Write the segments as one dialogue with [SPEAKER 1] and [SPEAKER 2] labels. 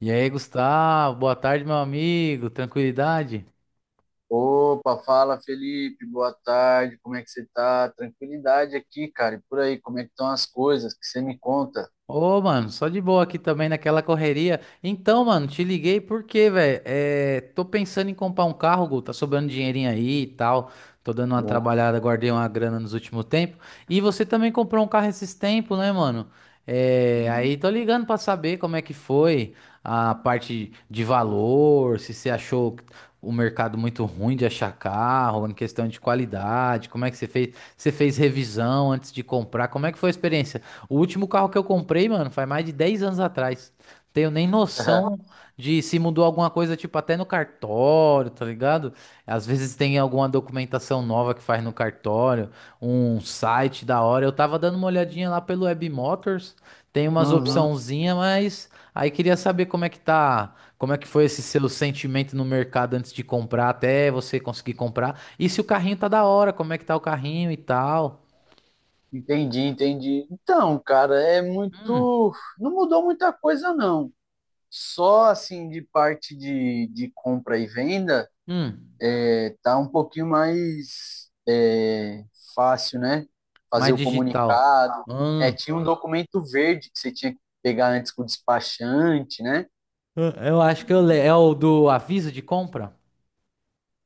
[SPEAKER 1] E aí, Gustavo, boa tarde, meu amigo. Tranquilidade?
[SPEAKER 2] Opa, fala Felipe, boa tarde, como é que você tá? Tranquilidade aqui, cara, e por aí, como é que estão as coisas que você me conta?
[SPEAKER 1] Ô, mano, só de boa aqui também naquela correria. Então, mano, te liguei porque, velho, tô pensando em comprar um carro, Gu, tá sobrando dinheirinho aí e tal. Tô dando uma
[SPEAKER 2] Bom,
[SPEAKER 1] trabalhada, guardei uma grana nos últimos tempos. E você também comprou um carro esses tempos, né, mano? É,
[SPEAKER 2] sim.
[SPEAKER 1] aí tô ligando pra saber como é que foi a parte de valor, se você achou o mercado muito ruim de achar carro, em questão de qualidade, como é que você fez? Você fez revisão antes de comprar? Como é que foi a experiência? O último carro que eu comprei, mano, faz mais de 10 anos atrás. Tenho nem noção de se mudou alguma coisa, tipo, até no cartório, tá ligado? Às vezes tem alguma documentação nova que faz no cartório, um site da hora. Eu tava dando uma olhadinha lá pelo Webmotors, tem umas
[SPEAKER 2] Uhum.
[SPEAKER 1] opçãozinha, mas aí queria saber como é que tá, como é que foi esse seu sentimento no mercado antes de comprar, até você conseguir comprar. E se o carrinho tá da hora, como é que tá o carrinho e tal.
[SPEAKER 2] Entendi, entendi. Então, cara, é
[SPEAKER 1] Hum,
[SPEAKER 2] muito. Não mudou muita coisa, não. Só assim de parte de compra e venda,
[SPEAKER 1] hum.
[SPEAKER 2] tá um pouquinho mais fácil, né?
[SPEAKER 1] Mais
[SPEAKER 2] Fazer o
[SPEAKER 1] digital.
[SPEAKER 2] comunicado. É,
[SPEAKER 1] Hum,
[SPEAKER 2] tinha um documento verde que você tinha que pegar antes com o despachante, né?
[SPEAKER 1] eu acho que eu le... é o do aviso de compra.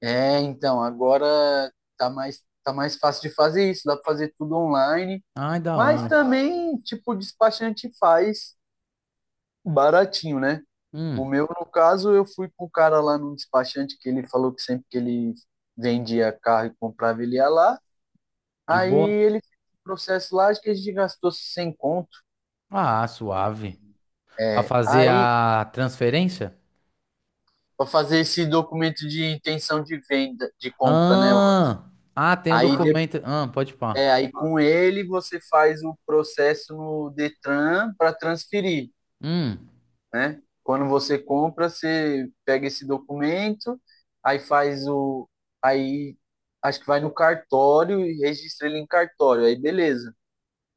[SPEAKER 2] É, então, agora tá mais fácil de fazer isso, dá pra fazer tudo online,
[SPEAKER 1] Ai, da
[SPEAKER 2] mas
[SPEAKER 1] hora.
[SPEAKER 2] também, tipo, o despachante faz baratinho, né? O
[SPEAKER 1] Hum,
[SPEAKER 2] meu, no caso, eu fui com o cara lá no despachante que ele falou que sempre que ele vendia carro e comprava, ele ia lá.
[SPEAKER 1] de
[SPEAKER 2] Aí
[SPEAKER 1] boa.
[SPEAKER 2] ele fez um processo lá, acho que a gente gastou 100 conto.
[SPEAKER 1] Ah, suave. Pra
[SPEAKER 2] É,
[SPEAKER 1] fazer
[SPEAKER 2] aí,
[SPEAKER 1] a transferência?
[SPEAKER 2] pra fazer esse documento de intenção de venda, de compra, né?
[SPEAKER 1] Ah, ah, tem um
[SPEAKER 2] Aí
[SPEAKER 1] documento. Ah, pode pá.
[SPEAKER 2] é, aí com ele você faz o processo no Detran para transferir,
[SPEAKER 1] Hum,
[SPEAKER 2] né? Quando você compra, você pega esse documento, aí faz o, aí acho que vai no cartório e registra ele em cartório, aí beleza.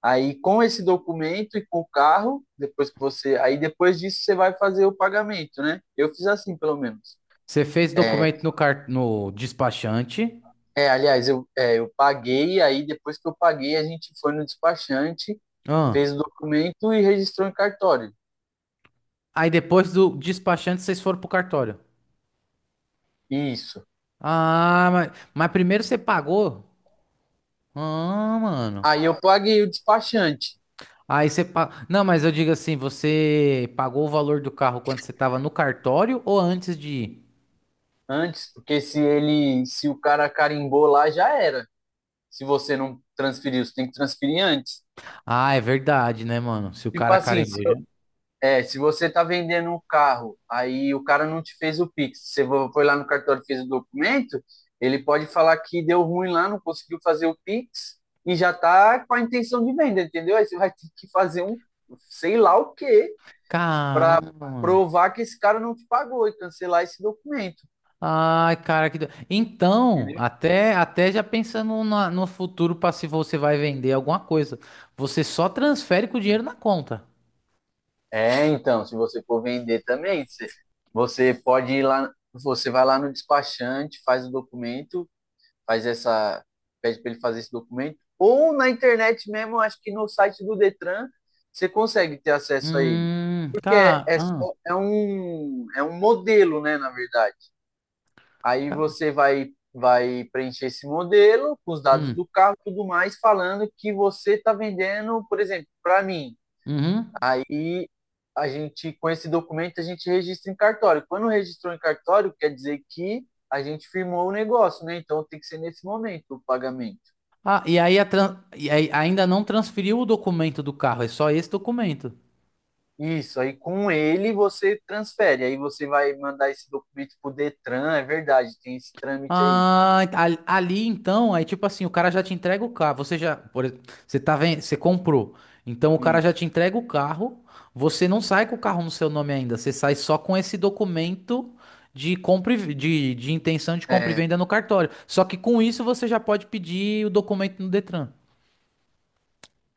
[SPEAKER 2] Aí com esse documento e com o carro, depois disso você vai fazer o pagamento, né? Eu fiz assim, pelo menos.
[SPEAKER 1] você fez
[SPEAKER 2] É,
[SPEAKER 1] documento no car... no despachante.
[SPEAKER 2] é, aliás, eu paguei, aí depois que eu paguei, a gente foi no despachante,
[SPEAKER 1] Ah,
[SPEAKER 2] fez o documento e registrou em cartório.
[SPEAKER 1] aí depois do despachante vocês foram pro cartório.
[SPEAKER 2] Isso.
[SPEAKER 1] Ah, mas primeiro você pagou? Ah, mano.
[SPEAKER 2] Aí eu paguei o despachante
[SPEAKER 1] Aí você. Pa... Não, mas eu digo assim, você pagou o valor do carro quando você tava no cartório ou antes de ir?
[SPEAKER 2] antes, porque se o cara carimbou lá, já era. Se você não transferiu, você tem que transferir antes.
[SPEAKER 1] Ah, é verdade, né, mano? Se o
[SPEAKER 2] Tipo
[SPEAKER 1] cara
[SPEAKER 2] assim, se,
[SPEAKER 1] carimbou já.
[SPEAKER 2] é, se você tá vendendo um carro, aí o cara não te fez o Pix, você foi lá no cartório e fez o documento, ele pode falar que deu ruim lá, não conseguiu fazer o Pix e já tá com a intenção de venda, entendeu? Aí você vai ter que fazer um, sei lá o quê,
[SPEAKER 1] Caramba, mano.
[SPEAKER 2] provar que esse cara não te pagou e cancelar esse documento,
[SPEAKER 1] Ai, cara, que. Do- Então,
[SPEAKER 2] entendeu?
[SPEAKER 1] até, até já pensando na- no futuro para se você vai vender alguma coisa, você só transfere com o dinheiro na conta.
[SPEAKER 2] É, então, se você for vender também, você pode ir lá, você vai lá no despachante, faz o documento, faz essa, pede para ele fazer esse documento, ou na internet mesmo, acho que no site do Detran, você consegue ter acesso a ele. Porque é,
[SPEAKER 1] Cara.
[SPEAKER 2] é,
[SPEAKER 1] Ah,
[SPEAKER 2] só- é um, é um modelo, né, na verdade. Aí
[SPEAKER 1] ca-
[SPEAKER 2] você vai preencher esse modelo com os dados
[SPEAKER 1] hum,
[SPEAKER 2] do carro e tudo mais, falando que você está vendendo, por exemplo, para mim.
[SPEAKER 1] uhum.
[SPEAKER 2] Aí a gente, com esse documento, a gente registra em cartório. Quando registrou em cartório, quer dizer que a gente firmou o negócio, né? Então tem que ser nesse momento o pagamento.
[SPEAKER 1] Ah, e aí, a tran- e aí ainda não transferiu o documento do carro, é só esse documento.
[SPEAKER 2] Isso, aí com ele você transfere, aí você vai mandar esse documento pro Detran, é verdade, tem esse trâmite aí.
[SPEAKER 1] Ah, ali ali, então, aí tipo assim, o cara já te entrega o carro, você já, por exemplo, você tá vendo? Você comprou. Então o cara já te
[SPEAKER 2] Isso.
[SPEAKER 1] entrega o carro, você não sai com o carro no seu nome ainda, você sai só com esse documento de compra e ve- de intenção de compra e
[SPEAKER 2] É,
[SPEAKER 1] venda no cartório. Só que com isso você já pode pedir o documento no Detran.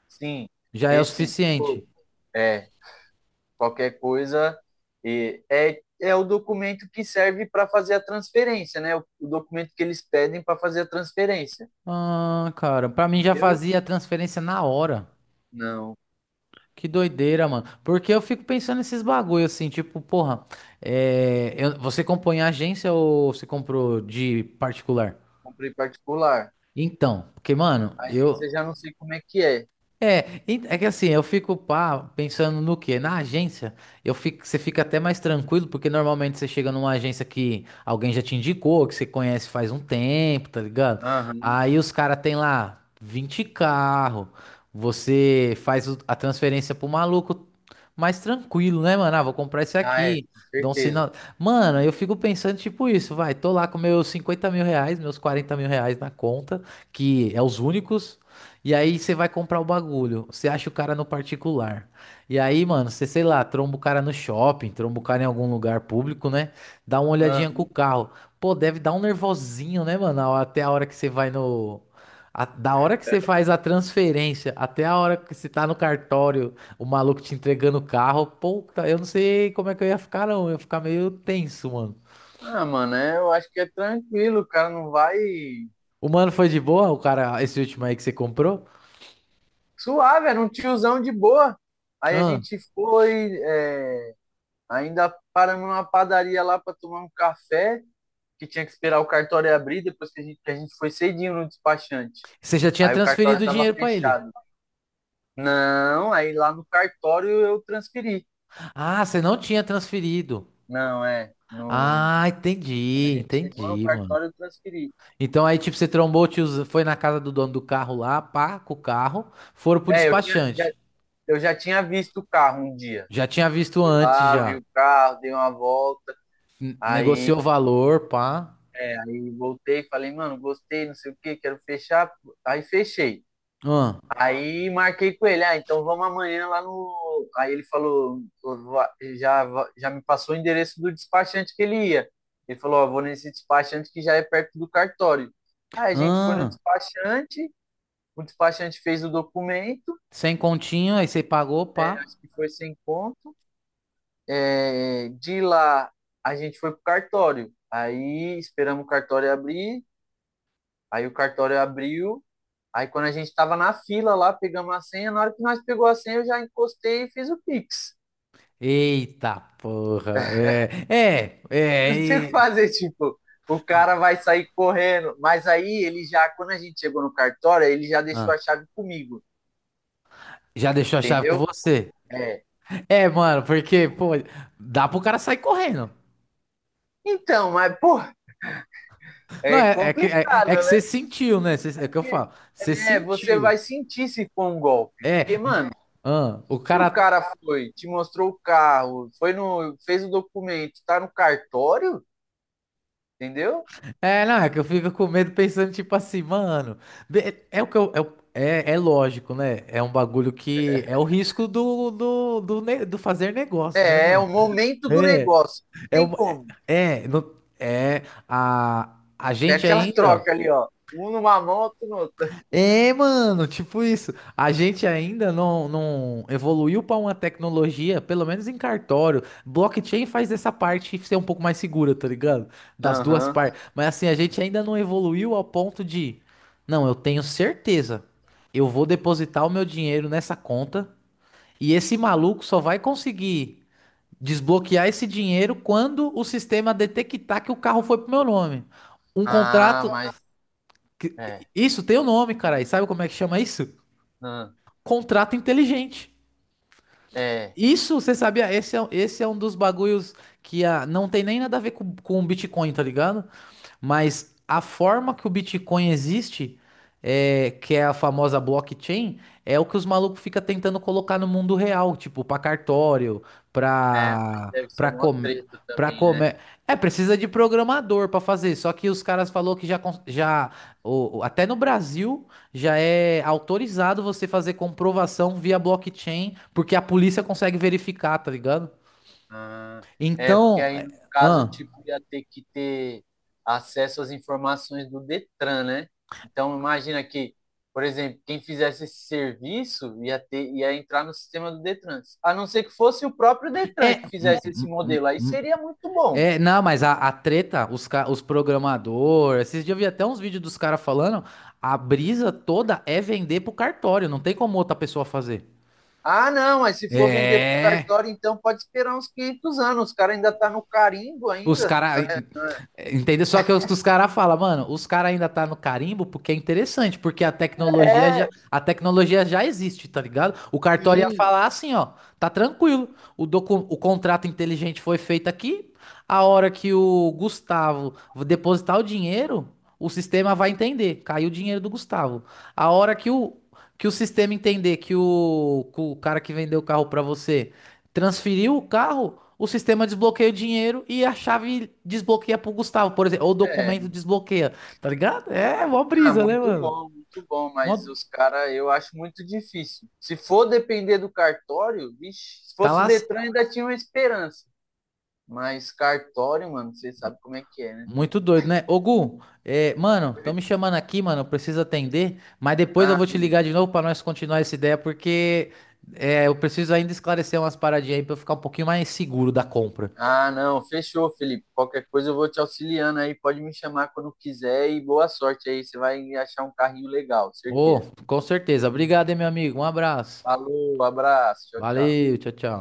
[SPEAKER 2] sim,
[SPEAKER 1] Já é o suficiente.
[SPEAKER 2] pô, é, qualquer coisa. E é o documento que serve para fazer a transferência, né? O documento que eles pedem para fazer a transferência.
[SPEAKER 1] Ah, cara, pra mim já
[SPEAKER 2] Entendeu?
[SPEAKER 1] fazia a transferência na hora.
[SPEAKER 2] Não,
[SPEAKER 1] Que doideira, mano. Porque eu fico pensando nesses bagulho assim, tipo, porra, é, eu- você compõe em agência ou você comprou de particular?
[SPEAKER 2] comprei particular.
[SPEAKER 1] Então, porque, mano,
[SPEAKER 2] A agência já não sei como é que é.
[SPEAKER 1] é, en- é que assim, eu fico pá, pensando no quê? Na agência, eu fico, você fica até mais tranquilo, porque normalmente você chega numa agência que alguém já te indicou, que você conhece faz um tempo, tá ligado?
[SPEAKER 2] Aham.
[SPEAKER 1] Aí os caras têm lá 20 carro, você faz o- a transferência pro maluco mais tranquilo, né, mano? Ah, vou comprar esse
[SPEAKER 2] Ah, é,
[SPEAKER 1] aqui,
[SPEAKER 2] com
[SPEAKER 1] dou um
[SPEAKER 2] certeza.
[SPEAKER 1] sinal. Mano, eu fico pensando tipo isso, vai, tô lá com meus 50 mil reais, meus 40 mil reais na conta, que é os únicos. E aí você vai comprar o bagulho, você acha o cara no particular. E aí, mano, você, sei lá, tromba o cara no shopping, tromba o cara em algum lugar público, né? Dá uma olhadinha com
[SPEAKER 2] Aham.
[SPEAKER 1] o carro. Pô, deve dar um nervosinho, né, mano? A- Até a hora que você vai no. A- da hora que você faz a transferência até a hora que você tá no cartório, o maluco te entregando o carro. Puta, eu não sei como é que eu ia ficar, não. Eu ia ficar meio tenso, mano.
[SPEAKER 2] Ah, mano, é, eu acho que é tranquilo, o cara não vai.
[SPEAKER 1] O mano foi de boa, o cara, esse último aí que você comprou?
[SPEAKER 2] Suave, era um tiozão de boa. Aí a
[SPEAKER 1] Ah,
[SPEAKER 2] gente foi, ainda paramos numa padaria lá para tomar um café, que tinha que esperar o cartório abrir depois que a gente foi cedinho no despachante.
[SPEAKER 1] você já tinha
[SPEAKER 2] Aí o cartório
[SPEAKER 1] transferido o
[SPEAKER 2] estava
[SPEAKER 1] dinheiro pra ele.
[SPEAKER 2] fechado. Não, aí lá no cartório eu transferi.
[SPEAKER 1] Ah, você não tinha transferido.
[SPEAKER 2] Não, é. No,
[SPEAKER 1] Ah,
[SPEAKER 2] quando a
[SPEAKER 1] entendi,
[SPEAKER 2] gente chegou no
[SPEAKER 1] entendi, mano.
[SPEAKER 2] cartório, eu transferi.
[SPEAKER 1] Então aí, tipo, você trombou, o tioz- foi na casa do dono do carro lá, pá, com o carro, foram pro
[SPEAKER 2] É, eu tinha, já,
[SPEAKER 1] despachante.
[SPEAKER 2] eu já tinha visto o carro um dia.
[SPEAKER 1] Já tinha visto
[SPEAKER 2] Fui
[SPEAKER 1] antes,
[SPEAKER 2] lá, vi
[SPEAKER 1] já.
[SPEAKER 2] o carro, dei uma volta.
[SPEAKER 1] N-
[SPEAKER 2] Aí,
[SPEAKER 1] Negociou o valor, pá.
[SPEAKER 2] aí voltei, falei, mano, gostei, não sei o que, quero fechar. Aí fechei.
[SPEAKER 1] Ah,
[SPEAKER 2] Aí marquei com ele, ah, então vamos amanhã lá no. Aí ele falou, já, já me passou o endereço do despachante que ele ia. Ele falou, ó, vou nesse despachante que já é perto do cartório. Aí a gente foi no
[SPEAKER 1] ah,
[SPEAKER 2] despachante, o despachante fez o documento,
[SPEAKER 1] sem continho, aí você pagou, pá.
[SPEAKER 2] acho que foi sem conto. É, de lá a gente foi pro cartório. Aí esperamos o cartório abrir, aí o cartório abriu. Aí quando a gente tava na fila lá, pegamos a senha, na hora que nós pegou a senha, eu já encostei e fiz o Pix.
[SPEAKER 1] Eita porra, é, é,
[SPEAKER 2] Eu
[SPEAKER 1] é.
[SPEAKER 2] não sei o que
[SPEAKER 1] E-
[SPEAKER 2] fazer, tipo, o cara vai sair correndo. Mas aí ele já, quando a gente chegou no cartório, ele já
[SPEAKER 1] Ah,
[SPEAKER 2] deixou a chave comigo,
[SPEAKER 1] já deixou a chave com
[SPEAKER 2] entendeu?
[SPEAKER 1] você.
[SPEAKER 2] É.
[SPEAKER 1] É, mano, porque, pô, dá pro cara sair correndo.
[SPEAKER 2] Então, mas, pô,
[SPEAKER 1] Não,
[SPEAKER 2] é
[SPEAKER 1] é, é
[SPEAKER 2] complicado,
[SPEAKER 1] que você
[SPEAKER 2] né?
[SPEAKER 1] sentiu, né? Você- é o que eu
[SPEAKER 2] Porque,
[SPEAKER 1] falo. Você
[SPEAKER 2] você
[SPEAKER 1] sentiu.
[SPEAKER 2] vai sentir se for um golpe.
[SPEAKER 1] É.
[SPEAKER 2] Porque,
[SPEAKER 1] M-
[SPEAKER 2] mano,
[SPEAKER 1] ah, o
[SPEAKER 2] se o
[SPEAKER 1] cara.
[SPEAKER 2] cara foi, te mostrou o carro, foi no, fez o documento, tá no cartório, entendeu?
[SPEAKER 1] É, não, é que eu fico com medo pensando, tipo assim, mano. Be- é, o que eu. É, o- é, é lógico, né? É um bagulho que. É o risco do, do, do, ne- do fazer negócio, né,
[SPEAKER 2] É
[SPEAKER 1] mano?
[SPEAKER 2] o momento do
[SPEAKER 1] É.
[SPEAKER 2] negócio. Não
[SPEAKER 1] É.
[SPEAKER 2] tem
[SPEAKER 1] O-
[SPEAKER 2] como.
[SPEAKER 1] é. Não- é a
[SPEAKER 2] É
[SPEAKER 1] gente
[SPEAKER 2] aquela
[SPEAKER 1] ainda.
[SPEAKER 2] troca ali, ó. Um numa mão, outro no outra.
[SPEAKER 1] É, mano, tipo isso. A gente ainda não, não evoluiu para uma tecnologia, pelo menos em cartório. Blockchain faz essa parte ser um pouco mais segura, tá ligado? Das duas
[SPEAKER 2] Aham.
[SPEAKER 1] partes. Mas assim, a gente ainda não evoluiu ao ponto de, não, eu tenho certeza. Eu vou depositar o meu dinheiro nessa conta e esse maluco só vai conseguir desbloquear esse dinheiro quando o sistema detectar que o carro foi pro meu nome. Um
[SPEAKER 2] Ah,
[SPEAKER 1] contrato
[SPEAKER 2] mas.
[SPEAKER 1] que-
[SPEAKER 2] É.
[SPEAKER 1] isso tem o nome, cara. E sabe como é que chama isso?
[SPEAKER 2] Ah,
[SPEAKER 1] Contrato inteligente.
[SPEAKER 2] é,
[SPEAKER 1] Isso, você sabia? Esse é um dos bagulhos que ah, não tem nem nada a ver com o Bitcoin, tá ligado? Mas a forma que o Bitcoin existe, é, que é a famosa blockchain, é o que os malucos ficam tentando colocar no mundo real, tipo, pra cartório,
[SPEAKER 2] mas
[SPEAKER 1] pra,
[SPEAKER 2] deve ser
[SPEAKER 1] pra,
[SPEAKER 2] mó
[SPEAKER 1] com,
[SPEAKER 2] treta
[SPEAKER 1] pra
[SPEAKER 2] também, né?
[SPEAKER 1] comer. É, precisa de programador pra fazer, só que os caras falou que já, cons- já o- até no Brasil, já é autorizado você fazer comprovação via blockchain, porque a polícia consegue verificar, tá ligado?
[SPEAKER 2] Ah, porque
[SPEAKER 1] Então,
[SPEAKER 2] aí
[SPEAKER 1] é,
[SPEAKER 2] no caso,
[SPEAKER 1] ahn.
[SPEAKER 2] tipo, ia ter que ter acesso às informações do Detran, né? Então imagina que, por exemplo, quem fizesse esse serviço ia entrar no sistema do Detran. A não ser que fosse o próprio Detran
[SPEAKER 1] É,
[SPEAKER 2] que
[SPEAKER 1] m-
[SPEAKER 2] fizesse esse
[SPEAKER 1] m-
[SPEAKER 2] modelo, aí seria muito bom.
[SPEAKER 1] é, não, mas a treta, os, ca- os programadores, esses dias eu vi até uns vídeos dos caras falando, a brisa toda é vender pro cartório, não tem como outra pessoa fazer.
[SPEAKER 2] Ah, não, mas se for vender pro
[SPEAKER 1] É.
[SPEAKER 2] cartório, então pode esperar uns 500 anos. Os caras ainda tá no carimbo
[SPEAKER 1] Os
[SPEAKER 2] ainda.
[SPEAKER 1] caras. Entendeu? Só que os caras falam, mano, os caras ainda tá no carimbo porque é interessante, porque
[SPEAKER 2] É,
[SPEAKER 1] a tecnologia já existe, tá ligado? O cartório ia
[SPEAKER 2] sim.
[SPEAKER 1] falar assim, ó, tá tranquilo. O, docu, o contrato inteligente foi feito aqui. A hora que o Gustavo depositar o dinheiro, o sistema vai entender. Caiu o dinheiro do Gustavo. A hora que o sistema entender que o cara que vendeu o carro pra você transferiu o carro, o sistema desbloqueia o dinheiro e a chave desbloqueia pro Gustavo, por exemplo, ou o
[SPEAKER 2] É,
[SPEAKER 1] documento desbloqueia, tá ligado? É, mó
[SPEAKER 2] Ah,
[SPEAKER 1] brisa, né, mano?
[SPEAKER 2] muito bom, mas
[SPEAKER 1] Mó-
[SPEAKER 2] os caras eu acho muito difícil. Se for depender do cartório, vixe, se
[SPEAKER 1] Tá
[SPEAKER 2] fosse o
[SPEAKER 1] lá
[SPEAKER 2] Detran ainda tinha uma esperança. Mas cartório, mano, você sabe como é que é, né?
[SPEAKER 1] muito doido, né? Ô, Gu, é, mano, estão me chamando aqui, mano, eu preciso atender, mas depois eu
[SPEAKER 2] Ah,
[SPEAKER 1] vou te
[SPEAKER 2] beleza.
[SPEAKER 1] ligar de novo pra nós continuar essa ideia, porque é, eu preciso ainda esclarecer umas paradinhas aí pra eu ficar um pouquinho mais seguro da compra.
[SPEAKER 2] Ah, não, fechou, Felipe. Qualquer coisa eu vou te auxiliando aí, pode me chamar quando quiser e boa sorte aí, você vai achar um carrinho legal,
[SPEAKER 1] Ô,
[SPEAKER 2] certeza.
[SPEAKER 1] com certeza. Obrigado, hein, meu amigo. Um abraço.
[SPEAKER 2] Falou, abraço, tchau, tchau.
[SPEAKER 1] Valeu, tchau, tchau.